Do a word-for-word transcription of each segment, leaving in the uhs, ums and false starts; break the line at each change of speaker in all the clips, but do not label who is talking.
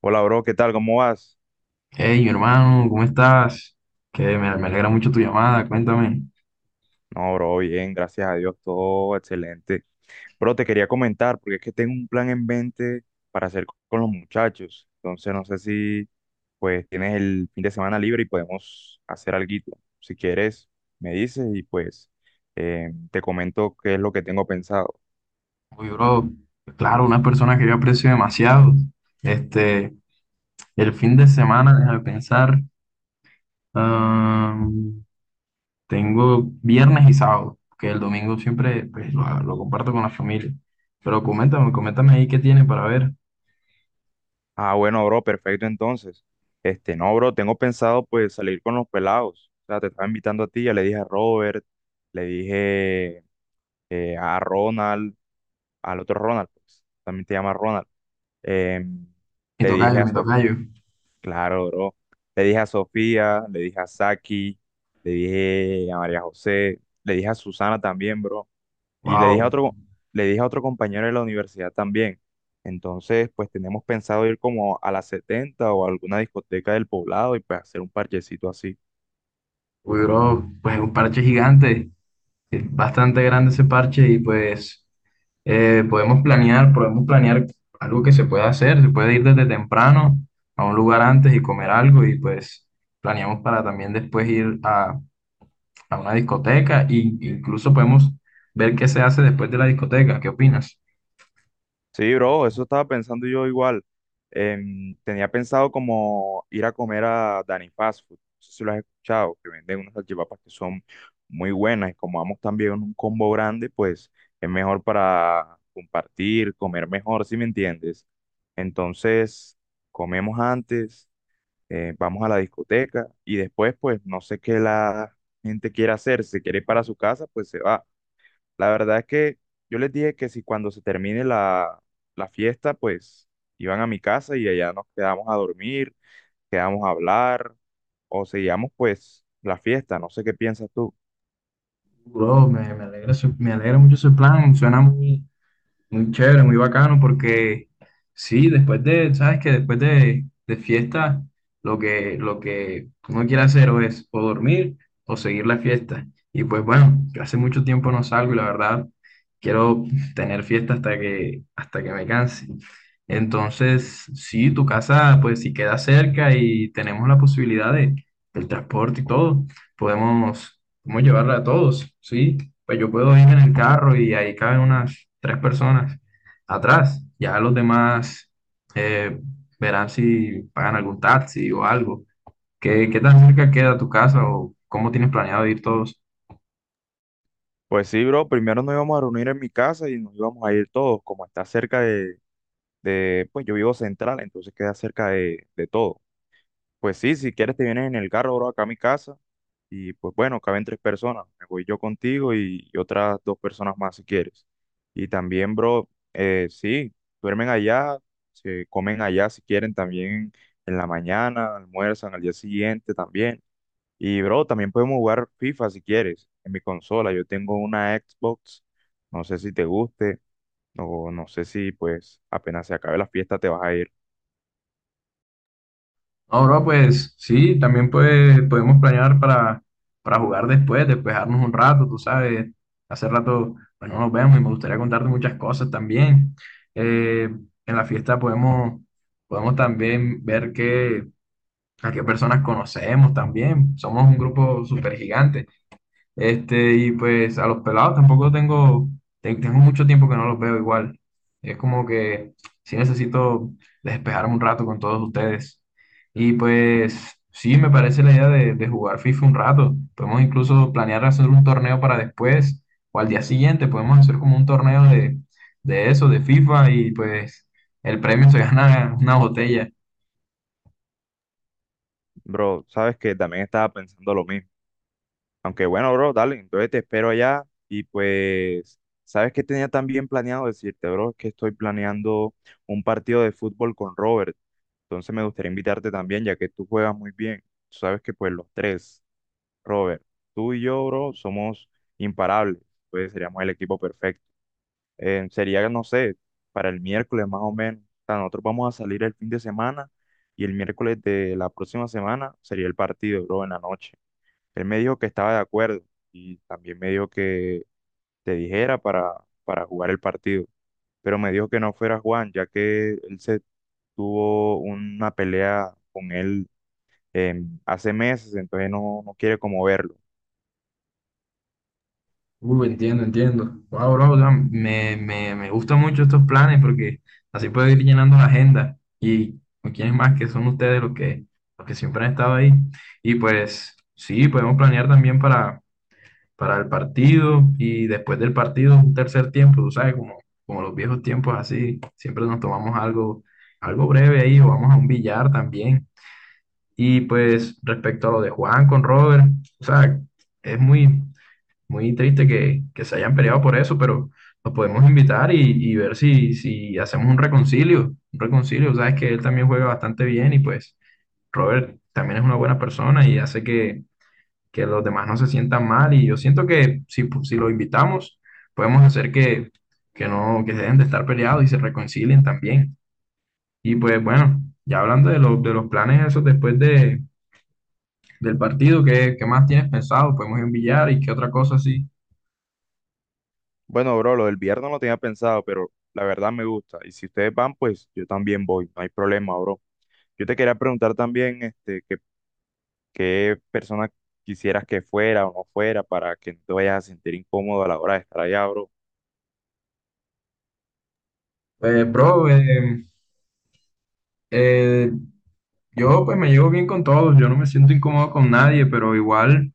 Hola, bro, ¿qué tal? ¿Cómo vas?
Hey, mi hermano, ¿cómo estás? Que me, me alegra mucho tu llamada, cuéntame.
No, bro, bien, gracias a Dios, todo excelente. Bro, te quería comentar, porque es que tengo un plan en mente para hacer con los muchachos. Entonces, no sé si, pues, tienes el fin de semana libre y podemos hacer alguito. Si quieres, me dices y, pues, eh, te comento qué es lo que tengo pensado.
Uy, bro, claro, una persona que yo aprecio demasiado. Este, el fin de semana, déjame pensar, am, tengo viernes y sábado, que el domingo siempre pues, lo, lo comparto con la familia. Pero coméntame, coméntame ahí qué tienes para ver.
Ah, bueno, bro, perfecto, entonces. Este, no, bro, tengo pensado, pues, salir con los pelados. O sea, te estaba invitando a ti, ya le dije a Robert, le dije eh, a Ronald. Al otro Ronald, pues, también te llama Ronald. Eh,
Mi
le dije
tocayo,
a
mi
Sofía,
tocayo.
claro, bro. Le dije a Sofía, le dije a Saki, le dije a María José, le dije a Susana también, bro. Y le dije a
Wow,
otro, le dije a otro compañero de la universidad también. Entonces, pues tenemos pensado ir como a la setenta o a alguna discoteca del poblado y pues hacer un parchecito así.
uy, bro, pues un parche gigante. Sí, bastante grande ese parche y pues eh, podemos planear, podemos planear algo que se pueda hacer, se puede ir desde temprano a un lugar antes y comer algo y pues planeamos para también después ir a, a una discoteca e incluso podemos ver qué se hace después de la discoteca, ¿qué opinas?
Sí, bro, eso estaba pensando yo igual. Em, tenía pensado como ir a comer a Danny Fast Food. No sé si lo has escuchado, que venden unas salchipapas que son muy buenas. Y como vamos también en un combo grande, pues es mejor para compartir, comer mejor, si me entiendes. Entonces, comemos antes, eh, vamos a la discoteca y después, pues no sé qué la gente quiere hacer. Si quiere ir para su casa, pues se va. La verdad es que yo les dije que si cuando se termine la, la fiesta, pues iban a mi casa y allá nos quedamos a dormir, quedamos a hablar o seguíamos pues la fiesta, no sé qué piensas tú.
Bro, me, me alegra, su- me alegra mucho ese plan, suena muy, muy chévere, muy bacano, porque sí, después de, sabes que después de, de fiesta, lo que, lo que uno quiere hacer o es o dormir o seguir la fiesta. Y pues bueno, yo hace mucho tiempo no salgo y la verdad quiero tener fiesta hasta que, hasta que me canse. Entonces, sí, tu casa, pues si queda cerca y tenemos la posibilidad de, del transporte y todo, podemos, podemos llevarla a todos, ¿sí? Pues yo puedo ir en el carro y ahí caben unas tres personas atrás. Ya los demás eh, verán si pagan algún taxi o algo. ¿Qué, qué tan cerca queda tu casa o cómo tienes planeado ir todos?
Pues sí, bro, primero nos íbamos a reunir en mi casa y nos íbamos a ir todos, como está cerca de, de pues yo vivo central, entonces queda cerca de, de todo. Pues sí, si quieres te vienes en el carro, bro, acá a mi casa. Y pues bueno, caben tres personas. Me voy yo contigo y, y otras dos personas más si quieres. Y también, bro, eh, sí, duermen allá, se comen allá si quieren también en la mañana, almuerzan al día siguiente también. Y, bro, también podemos jugar FIFA si quieres en mi consola. Yo tengo una Xbox, no sé si te guste o no sé si pues apenas se acabe la fiesta te vas a ir.
No, bro, pues sí, también pues, podemos planear para, para jugar después, despejarnos un rato, tú sabes. Hace rato, bueno, nos vemos y me gustaría contarte muchas cosas también. Eh, en la fiesta podemos, podemos también ver qué a qué personas conocemos también. Somos un grupo súper gigante. Este, y pues a los pelados tampoco tengo, te- tengo mucho tiempo que no los veo igual. Es como que sí necesito despejarme un rato con todos ustedes. Y pues sí, me parece la idea de, de jugar FIFA un rato. Podemos incluso planear hacer un torneo para después o al día siguiente. Podemos hacer como un torneo de, de eso, de FIFA y pues el premio se gana una botella.
Bro, sabes que también estaba pensando lo mismo. Aunque bueno, bro, dale, entonces te espero allá y pues, ¿sabes qué tenía también planeado decirte, bro? Es que estoy planeando un partido de fútbol con Robert, entonces me gustaría invitarte también, ya que tú juegas muy bien. Tú sabes que pues los tres, Robert, tú y yo, bro, somos imparables, pues seríamos el equipo perfecto. Eh, sería, no sé, para el miércoles más o menos. O sea, nosotros vamos a salir el fin de semana y el miércoles de la próxima semana sería el partido, bro, en la noche. Él me dijo que estaba de acuerdo y también me dijo que te dijera para, para jugar el partido, pero me dijo que no fuera Juan, ya que él se tuvo una pelea con él em, hace meses, entonces no, no quiere como verlo.
Uh, entiendo, entiendo. Wow, bro, o sea, me, me, me gustan mucho estos planes porque así puedo ir llenando la agenda. Y ¿con quiénes más que son ustedes los que, los que siempre han estado ahí? Y pues sí, podemos planear también para, para el partido y después del partido un tercer tiempo, tú sabes, como, como los viejos tiempos así, siempre nos tomamos algo, algo breve ahí o vamos a un billar también. Y pues respecto a lo de Juan con Robert, o sea, es muy, muy triste que, que se hayan peleado por eso, pero los podemos invitar y, y ver si, si hacemos un reconcilio. Un reconcilio, sabes que él también juega bastante bien y pues Robert también es una buena persona y hace que, que los demás no se sientan mal. Y yo siento que si, si lo invitamos, podemos hacer que, que no, que dejen de estar peleados y se reconcilien también. Y pues bueno, ya hablando de, los de los planes esos después de, del partido, ¿qué, qué más tienes pensado? ¿Podemos enviar y qué otra cosa así?
Bueno, bro, lo del viernes lo tenía pensado, pero la verdad me gusta. Y si ustedes van, pues yo también voy, no hay problema, bro. Yo te quería preguntar también, este, qué, qué persona quisieras que fuera o no fuera para que no te vayas a sentir incómodo a la hora de estar allá, bro.
Pues, bro, eh, Eh, yo pues me llevo bien con todos, yo no me siento incómodo con nadie, pero igual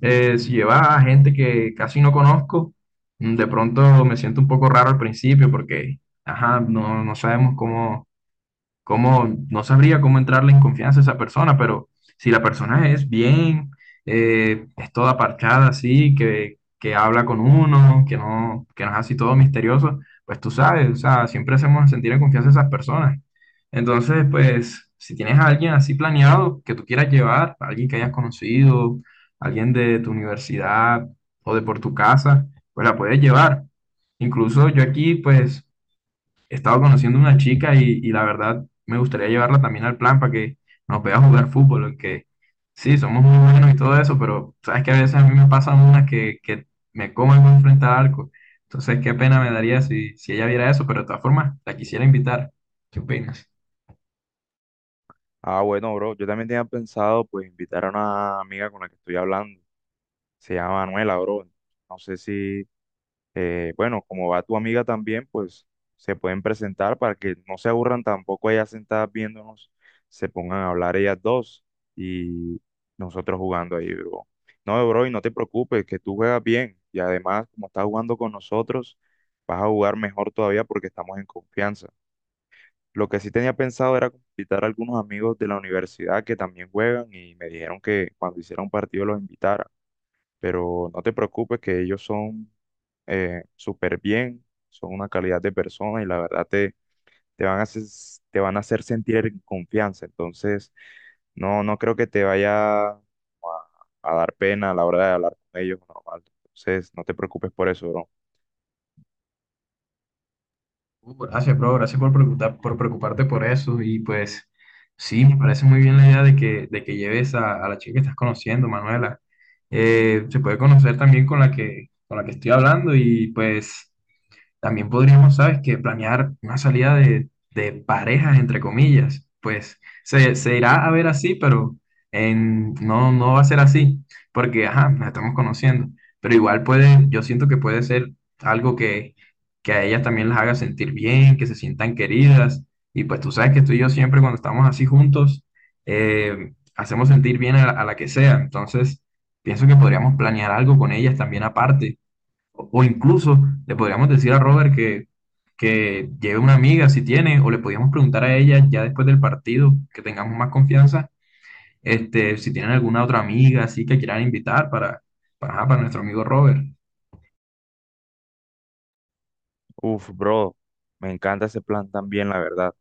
eh, si lleva a gente que casi no conozco, mm, de pronto me siento un poco raro al principio porque, ajá, no, no sabemos cómo cómo, no sabría cómo entrarle en confianza a esa persona, pero si la persona es bien, eh, es toda parchada así, que, que habla con uno, que no, que no es así todo misterioso, pues tú sabes, o sea, siempre hacemos sentir en confianza a esas personas. Entonces, pues, si tienes a alguien así planeado que tú quieras llevar, alguien que hayas conocido, alguien de tu universidad o de por tu casa, pues la puedes llevar. Incluso yo aquí, pues, he estado conociendo una chica y, y la verdad me gustaría llevarla también al plan para que nos vea jugar fútbol, aunque sí, somos muy buenos y todo eso, pero sabes que a veces a mí me pasan unas que, que me comen muy frente al arco. Entonces, qué pena me daría si, si ella viera eso, pero de todas formas, la quisiera invitar. ¿Qué opinas?
Ah, bueno, bro, yo también tenía pensado pues invitar a una amiga con la que estoy hablando. Se llama Manuela, bro. No sé si, eh, bueno, como va tu amiga también, pues se pueden presentar para que no se aburran tampoco ellas sentadas viéndonos, se pongan a hablar ellas dos y nosotros jugando ahí, bro. No, bro, y no te preocupes, que tú juegas bien y además como estás jugando con nosotros, vas a jugar mejor todavía porque estamos en confianza. Lo que sí tenía pensado era invitar a algunos amigos de la universidad que también juegan y me dijeron que cuando hiciera un partido los invitara. Pero no te preocupes que ellos son eh, súper bien, son una calidad de persona y la verdad te, te van a hacer, te van a hacer sentir en confianza. Entonces, no, no creo que te vaya a, a dar pena a la hora de hablar con ellos normal. Entonces, no te preocupes por eso, bro.
Uh, Gracias, bro. Gracias por preguntar, por preocuparte por eso. Y pues, sí, me parece muy bien la idea de que, de que lleves a, a la chica que estás conociendo, Manuela. Eh, se puede conocer también con la que, con la que estoy hablando y pues. También podríamos, ¿sabes qué? Planear una salida de, de parejas, entre comillas. Pues se, se irá a ver así, pero en, no, no va a ser así, porque, ajá, nos estamos conociendo. Pero igual puede, yo siento que puede ser algo que, que a ellas también las haga sentir bien, que se sientan queridas. Y pues tú sabes que tú y yo siempre cuando estamos así juntos, eh, hacemos sentir bien a la, a la que sea. Entonces, pienso que podríamos planear algo con ellas también aparte o o incluso le podríamos decir a Robert que, que lleve una amiga si tiene, o le podríamos preguntar a ella ya después del partido, que tengamos más confianza, este, si tienen alguna otra amiga así que quieran invitar para, para, ajá, para nuestro amigo Robert.
Uf, bro, me encanta ese plan también, la verdad.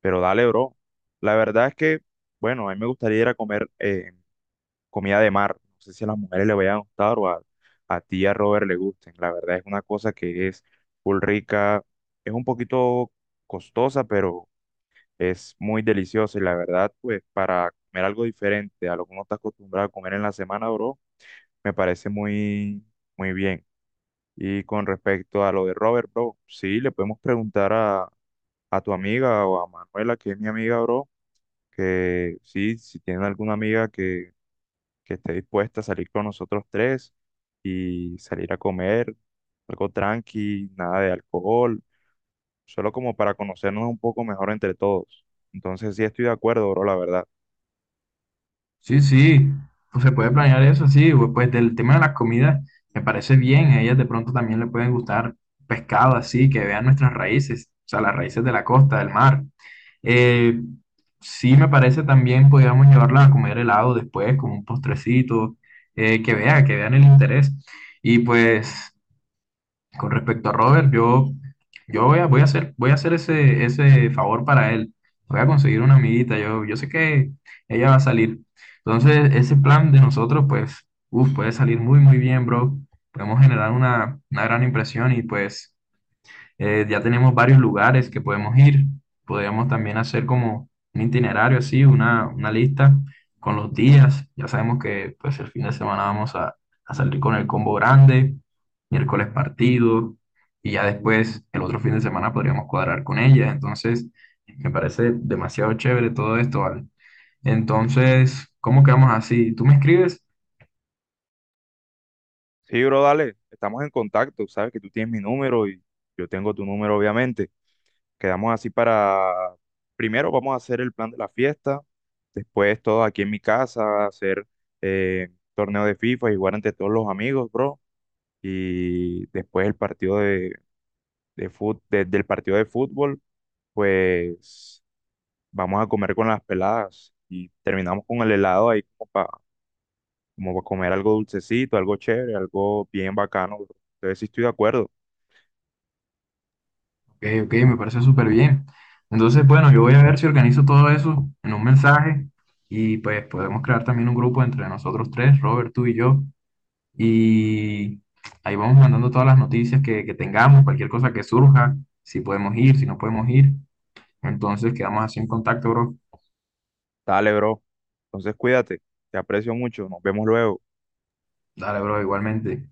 Pero dale, bro. La verdad es que, bueno, a mí me gustaría ir a comer eh, comida de mar. No sé si a las mujeres les vaya a gustar o a, a ti y a Robert le gusten. La verdad es una cosa que es full rica, es un poquito costosa, pero es muy deliciosa. Y la verdad, pues, para comer algo diferente a lo que uno está acostumbrado a comer en la semana, bro, me parece muy, muy bien. Y con respecto a lo de Robert, bro, sí, le podemos preguntar a, a tu amiga o a Manuela, que es mi amiga, bro que sí, si tienen alguna amiga que, que esté dispuesta a salir con nosotros tres y salir a comer, algo tranqui, nada de alcohol, solo como para conocernos un poco mejor entre todos. Entonces sí estoy de acuerdo, bro, la verdad.
Sí, sí, pues se puede planear eso, sí, bu- pues del tema de las comidas me parece bien, a ellas de pronto también le pueden gustar pescado así, que vean nuestras raíces, o sea, las raíces de la costa, del mar. Eh, sí me parece también podríamos llevarla a comer helado después, como un postrecito, eh, que vea, que vean el interés. Y pues con respecto a Robert, yo, yo voy a, voy a hacer, voy a hacer ese, ese favor para él. Voy a conseguir una amiguita. Yo, yo sé que ella va a salir. Entonces, ese plan de nosotros, pues, uf, puede salir muy, muy bien, bro. Podemos generar una, una gran impresión y pues eh, ya tenemos varios lugares que podemos ir. Podríamos también hacer como un itinerario así, una, una lista con los días. Ya sabemos que pues el fin de semana vamos a, a salir con el combo grande, miércoles partido, y ya después el otro fin de semana podríamos cuadrar con ellas. Entonces, me parece demasiado chévere todo esto, ¿vale? Entonces, ¿cómo quedamos así? ¿Tú me escribes?
Sí, bro, dale, estamos en contacto, sabes que tú tienes mi número y yo tengo tu número, obviamente. Quedamos así para, primero vamos a hacer el plan de la fiesta, después todo aquí en mi casa, hacer eh, torneo de FIFA y jugar entre todos los amigos, bro. Y después el partido de, de fut- de- del partido de fútbol, pues vamos a comer con las peladas y terminamos con el helado ahí como para como pa comer algo dulcecito, algo chévere, algo bien bacano, bro. Entonces sí estoy de acuerdo.
Ok, ok, me parece súper bien. Entonces, bueno, yo voy a ver si organizo todo eso en un mensaje y pues podemos crear también un grupo entre nosotros tres, Robert, tú y yo, y ahí vamos mandando todas las noticias que, que tengamos, cualquier cosa que surja, si podemos ir, si no podemos ir. Entonces, quedamos así en contacto, bro.
Dale, bro. Entonces cuídate, te aprecio mucho, nos vemos luego.
Dale, bro, igualmente.